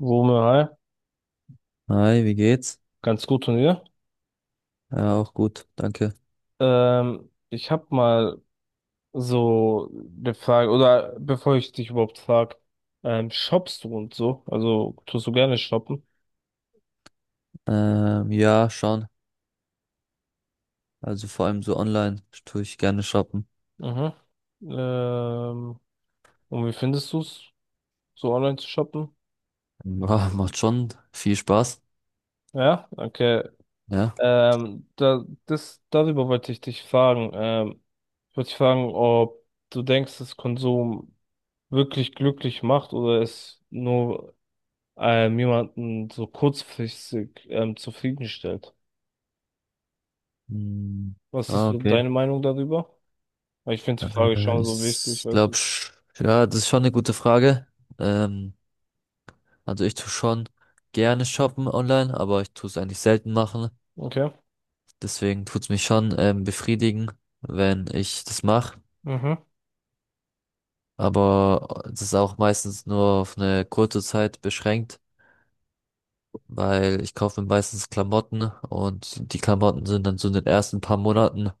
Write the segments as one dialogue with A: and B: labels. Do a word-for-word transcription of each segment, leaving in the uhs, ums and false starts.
A: Wumme, hi.
B: Hi, wie geht's?
A: Ganz gut und ihr?
B: Ja, auch gut, danke.
A: Ähm, ich habe mal so eine Frage, oder bevor ich dich überhaupt frage, ähm, shoppst du und so? Also tust du gerne shoppen?
B: Ähm, ja, schon. Also vor allem so online tue ich gerne shoppen.
A: Mhm. Ähm, und wie findest du es, so online zu shoppen?
B: Ja, macht schon viel Spaß.
A: Ja, okay.
B: Ja.
A: Ähm, da, das, darüber wollte ich dich fragen. Ähm, ich wollte dich fragen, ob du denkst, dass Konsum wirklich glücklich macht oder es nur ähm, jemanden so kurzfristig ähm, zufriedenstellt.
B: Hm,
A: Was ist
B: ah,
A: so
B: okay.
A: deine Meinung darüber? Weil ich finde die Frage
B: Äh,
A: schon so wichtig,
B: ich
A: weißt
B: glaube, ja, das ist schon eine gute Frage. Ähm, also ich tue schon gerne shoppen online, aber ich tue es eigentlich selten machen.
A: du? Okay.
B: Deswegen tut's mich schon ähm, befriedigen, wenn ich das mache.
A: Mhm,
B: Aber das ist auch meistens nur auf eine kurze Zeit beschränkt, weil ich kaufe mir meistens Klamotten und die Klamotten sind dann so in den ersten paar Monaten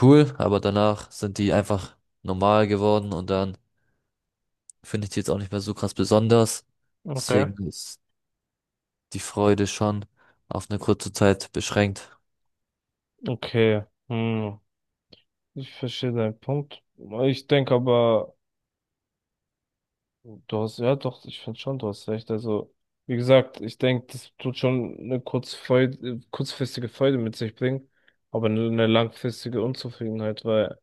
B: cool, aber danach sind die einfach normal geworden und dann finde ich die jetzt auch nicht mehr so krass besonders.
A: okay.
B: Deswegen ist die Freude schon auf eine kurze Zeit beschränkt.
A: Okay. Hm. Ich verstehe deinen Punkt. Ich denke aber. Du hast, ja doch, ich finde schon, du hast recht. Also, wie gesagt, ich denke, das tut schon eine kurzfreu- kurzfristige Freude mit sich bringen, aber nur eine langfristige Unzufriedenheit, weil,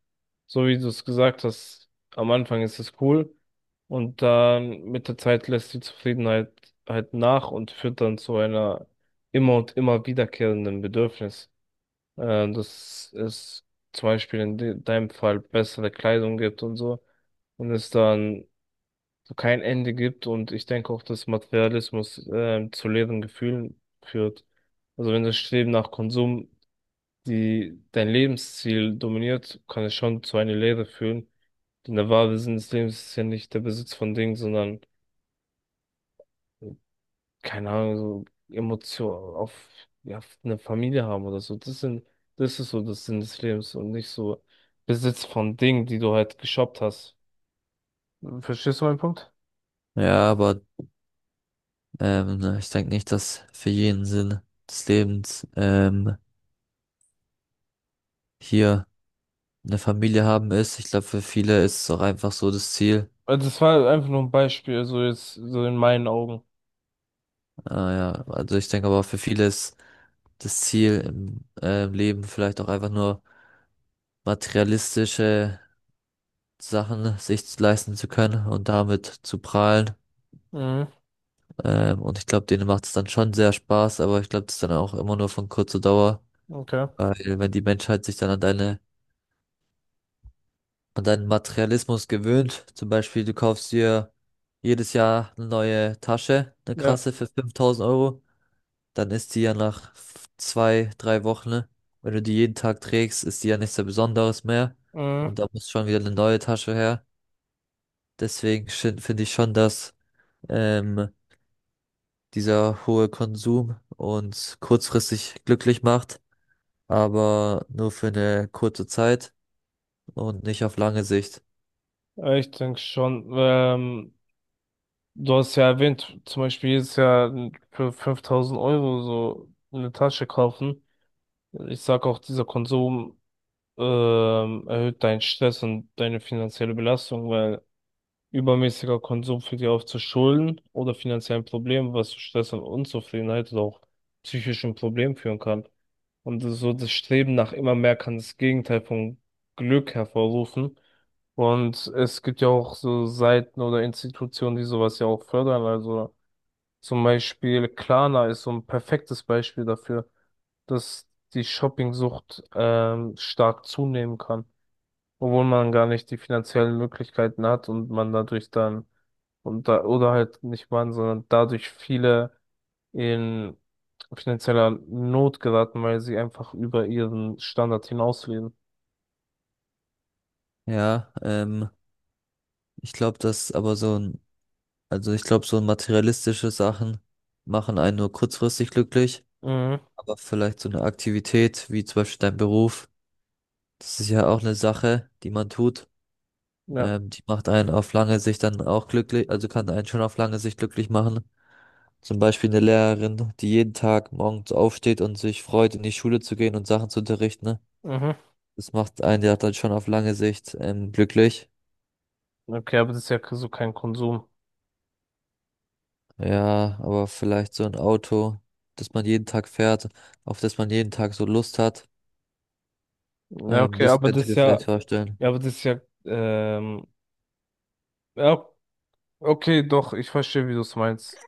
A: so wie du es gesagt hast, am Anfang ist es cool und dann mit der Zeit lässt die Zufriedenheit halt nach und führt dann zu einer immer und immer wiederkehrenden Bedürfnis. Äh, das ist zum Beispiel in de deinem Fall bessere Kleidung gibt und so und es dann so kein Ende gibt, und ich denke auch, dass Materialismus ähm, zu leeren Gefühlen führt. Also wenn das Streben nach Konsum die dein Lebensziel dominiert, kann es schon zu einer Leere führen. Denn der wahre Sinn des Lebens ist ja nicht der Besitz von Dingen, sondern keine Ahnung, so Emotionen auf, ja, auf eine Familie haben oder so. Das sind, das ist so das Sinn des Lebens und nicht so Besitz von Dingen, die du halt geshoppt hast. Verstehst du meinen Punkt?
B: Ja, aber ähm, ne, ich denke nicht, dass für jeden Sinn des Lebens ähm, hier eine Familie haben ist. Ich glaube, für viele ist es auch einfach so das Ziel.
A: Also das war halt einfach nur ein Beispiel, so jetzt, so in meinen Augen.
B: Ah, ja, also ich denke aber für viele ist das Ziel im äh, Leben vielleicht auch einfach nur materialistische Sachen sich leisten zu können und damit zu prahlen.
A: Mhm,
B: Ähm, und ich glaube, denen macht es dann schon sehr Spaß, aber ich glaube, das ist dann auch immer nur von kurzer Dauer,
A: okay.
B: weil wenn die Menschheit sich dann an deine, an deinen Materialismus gewöhnt, zum Beispiel du kaufst dir jedes Jahr eine neue Tasche, eine
A: Ja.
B: krasse für fünftausend Euro, dann ist die ja nach f- zwei, drei Wochen, ne? Wenn du die jeden Tag trägst, ist die ja nichts sehr Besonderes mehr.
A: Mhm.
B: Und da muss schon wieder eine neue Tasche her. Deswegen sch- finde ich schon, dass ähm, dieser hohe Konsum uns kurzfristig glücklich macht, aber nur für eine kurze Zeit und nicht auf lange Sicht.
A: Ja, ich denke schon. Ähm, du hast ja erwähnt, zum Beispiel jedes Jahr für fünftausend Euro so eine Tasche kaufen. Ich sag auch, dieser Konsum ähm, erhöht deinen Stress und deine finanzielle Belastung, weil übermäßiger Konsum führt ja oft zu Schulden oder finanziellen Problemen was zu Stress und Unzufriedenheit oder auch psychischen Problemen führen kann. Und das- so das Streben nach immer mehr kann das Gegenteil vom Glück hervorrufen. Und es gibt ja auch so Seiten oder Institutionen, die sowas ja auch fördern. Also zum Beispiel Klarna ist so ein perfektes Beispiel dafür, dass die Shoppingsucht ähm, stark zunehmen kann, obwohl man gar nicht die finanziellen Möglichkeiten hat, und man dadurch dann und da, oder halt nicht waren, sondern dadurch viele in finanzieller Not geraten, weil sie einfach über ihren Standard hinausleben.
B: Ja, ähm, ich glaube, dass aber so ein, also ich glaube, so materialistische Sachen machen einen nur kurzfristig glücklich.
A: Mhm.
B: Aber vielleicht so eine Aktivität wie zum Beispiel dein Beruf, das ist ja auch eine Sache, die man tut.
A: Ja.
B: Ähm, die macht einen auf lange Sicht dann auch glücklich, also kann einen schon auf lange Sicht glücklich machen. Zum Beispiel eine Lehrerin, die jeden Tag morgens aufsteht und sich freut, in die Schule zu gehen und Sachen zu unterrichten. Ne?
A: Mhm.
B: Das macht einen ja dann schon auf lange Sicht ähm, glücklich.
A: Okay, aber das ist ja so kein Konsum.
B: Ja, aber vielleicht so ein Auto, das man jeden Tag fährt, auf das man jeden Tag so Lust hat.
A: Ja,
B: Ähm,
A: okay,
B: das
A: aber
B: könnte
A: das
B: ich
A: ist
B: mir vielleicht
A: ja,
B: vorstellen.
A: ja, aber das ist ja, ähm, ja, okay, doch, ich verstehe, wie du es meinst.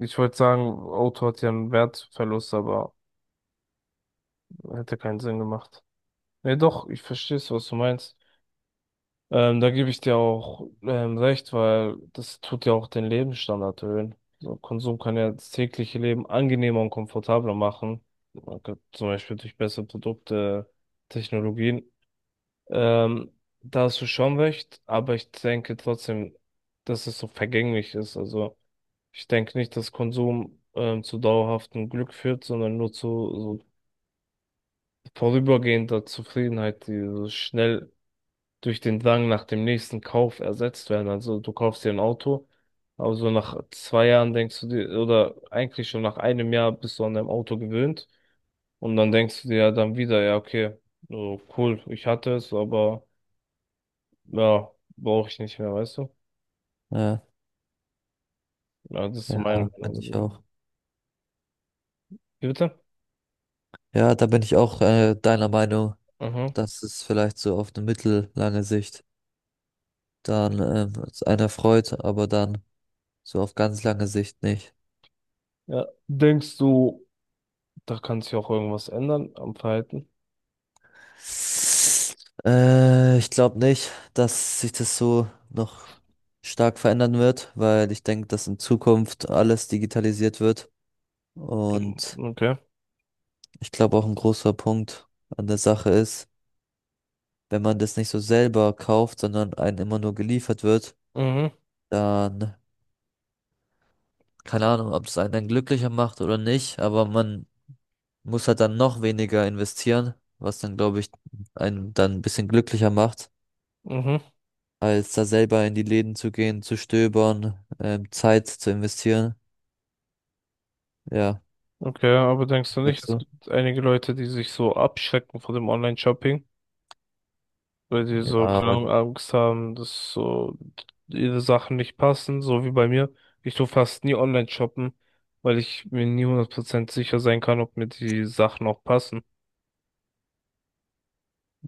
A: Ich wollte sagen, Auto hat ja einen Wertverlust, aber hätte keinen Sinn gemacht. Nee, doch, ich verstehe es, was du meinst. Ähm, da gebe ich dir auch ähm, recht, weil das tut ja auch den Lebensstandard erhöhen. So, Konsum kann ja das tägliche Leben angenehmer und komfortabler machen. Man kann zum Beispiel durch bessere Produkte, Technologien. Ähm, Da hast du schon recht, aber ich denke trotzdem, dass es so vergänglich ist. Also ich denke nicht, dass Konsum ähm, zu dauerhaftem Glück führt, sondern nur zu so vorübergehender Zufriedenheit, die so schnell durch den Drang nach dem nächsten Kauf ersetzt werden. Also du kaufst dir ein Auto, aber so nach zwei Jahren denkst du dir, oder eigentlich schon nach einem Jahr bist du an deinem Auto gewöhnt, und dann denkst du dir ja dann wieder, ja, okay, so cool, ich hatte es, aber ja, brauche ich nicht mehr, weißt du?
B: Ja,
A: Ja, das ist so
B: ja,
A: meine Meinung
B: kann ich
A: darüber.
B: auch.
A: Wie bitte?
B: Ja, da bin ich auch äh, deiner Meinung,
A: Mhm.
B: dass es vielleicht so auf eine mittellange Sicht dann ähm, es einen erfreut, aber dann so auf ganz lange Sicht nicht.
A: Ja, denkst du, da kann sich auch irgendwas ändern am Verhalten?
B: Äh, ich glaube nicht, dass sich das so noch stark verändern wird, weil ich denke, dass in Zukunft alles digitalisiert wird. Und
A: Okay.
B: ich glaube auch ein großer Punkt an der Sache ist, wenn man das nicht so selber kauft, sondern einem immer nur geliefert wird,
A: Mhm.
B: dann keine Ahnung, ob es einen dann glücklicher macht oder nicht, aber man muss halt dann noch weniger investieren, was dann, glaube ich, einen dann ein bisschen glücklicher macht,
A: Mhm.
B: als da selber in die Läden zu gehen, zu stöbern, ähm, Zeit zu investieren. Ja,
A: Okay, aber denkst du nicht,
B: sagst
A: es
B: du?
A: gibt einige Leute, die sich so abschrecken vor dem Online-Shopping, weil die
B: Ja,
A: so, keine
B: aber
A: Ahnung, Angst haben, dass so ihre Sachen nicht passen, so wie bei mir. Ich tu fast nie online shoppen, weil ich mir nie hundert Prozent sicher sein kann, ob mir die Sachen auch passen.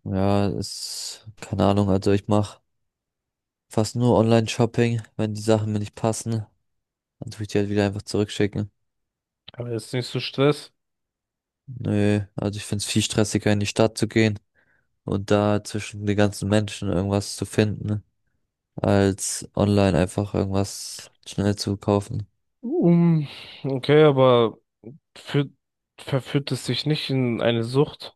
B: ja, ist, keine Ahnung, also ich mache fast nur Online-Shopping. Wenn die Sachen mir nicht passen, dann tue ich die halt wieder einfach zurückschicken.
A: Aber jetzt nicht so Stress.
B: Nö, also ich finde es viel stressiger, in die Stadt zu gehen und da zwischen den ganzen Menschen irgendwas zu finden, als online einfach irgendwas schnell zu kaufen.
A: Um, okay, aber führt, verführt es sich nicht in eine Sucht?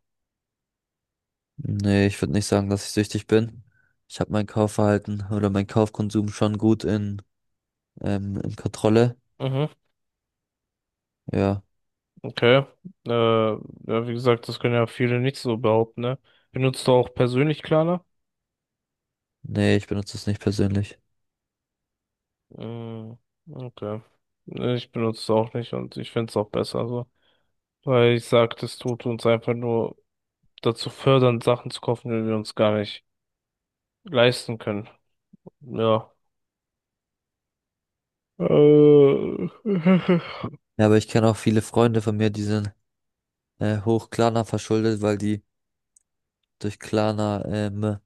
B: Nee, ich würde nicht sagen, dass ich süchtig bin. Ich habe mein Kaufverhalten oder mein Kaufkonsum schon gut in, ähm, in Kontrolle.
A: Mhm,
B: Ja,
A: okay. Äh, ja, wie gesagt, das können ja viele nicht so behaupten, ne? Benutzt du auch persönlich Klarna?
B: nee, ich benutze es nicht persönlich.
A: Mm, okay. Nee, ich benutze es auch nicht und ich finde es auch besser so. Weil ich sag, das tut uns einfach nur dazu fördern, Sachen zu kaufen, die wir uns gar nicht leisten können. Ja. Äh.
B: Ja, aber ich kenne auch viele Freunde von mir, die sind äh, hoch Klarna verschuldet, weil die durch Klarna ähm,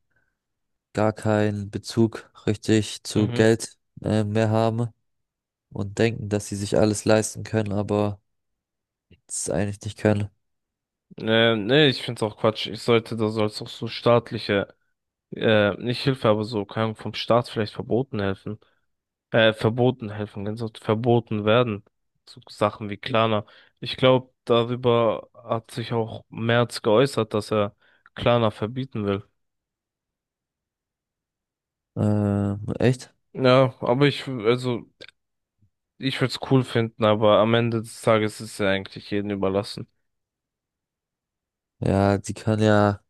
B: gar keinen Bezug richtig zu
A: Mhm.
B: Geld äh, mehr haben und denken, dass sie sich alles leisten können, aber es eigentlich nicht können.
A: Äh, nee, ich find's auch Quatsch. Ich sollte, da soll's auch so staatliche, äh, nicht Hilfe, aber so, keine Ahnung, vom Staat vielleicht verboten helfen. äh, verboten, helfen ganz oft verboten werden. So Sachen wie Klarna. Ich glaube, darüber hat sich auch Merz geäußert, dass er Klarna verbieten will.
B: Ähm, echt?
A: Ja, aber ich, also, ich würde es cool finden, aber am Ende des Tages ist es ja eigentlich jedem überlassen.
B: Ja, die kann ja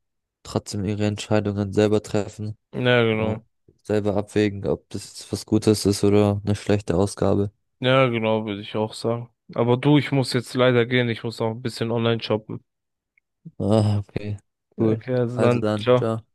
B: trotzdem ihre Entscheidungen selber treffen
A: Ja,
B: und
A: genau.
B: selber abwägen, ob das jetzt was Gutes ist oder eine schlechte Ausgabe.
A: Ja, genau, würde ich auch sagen. Aber du, ich muss jetzt leider gehen, ich muss auch ein bisschen online shoppen.
B: Ah, okay, cool.
A: Okay, also
B: Also
A: dann,
B: dann,
A: ciao.
B: ciao.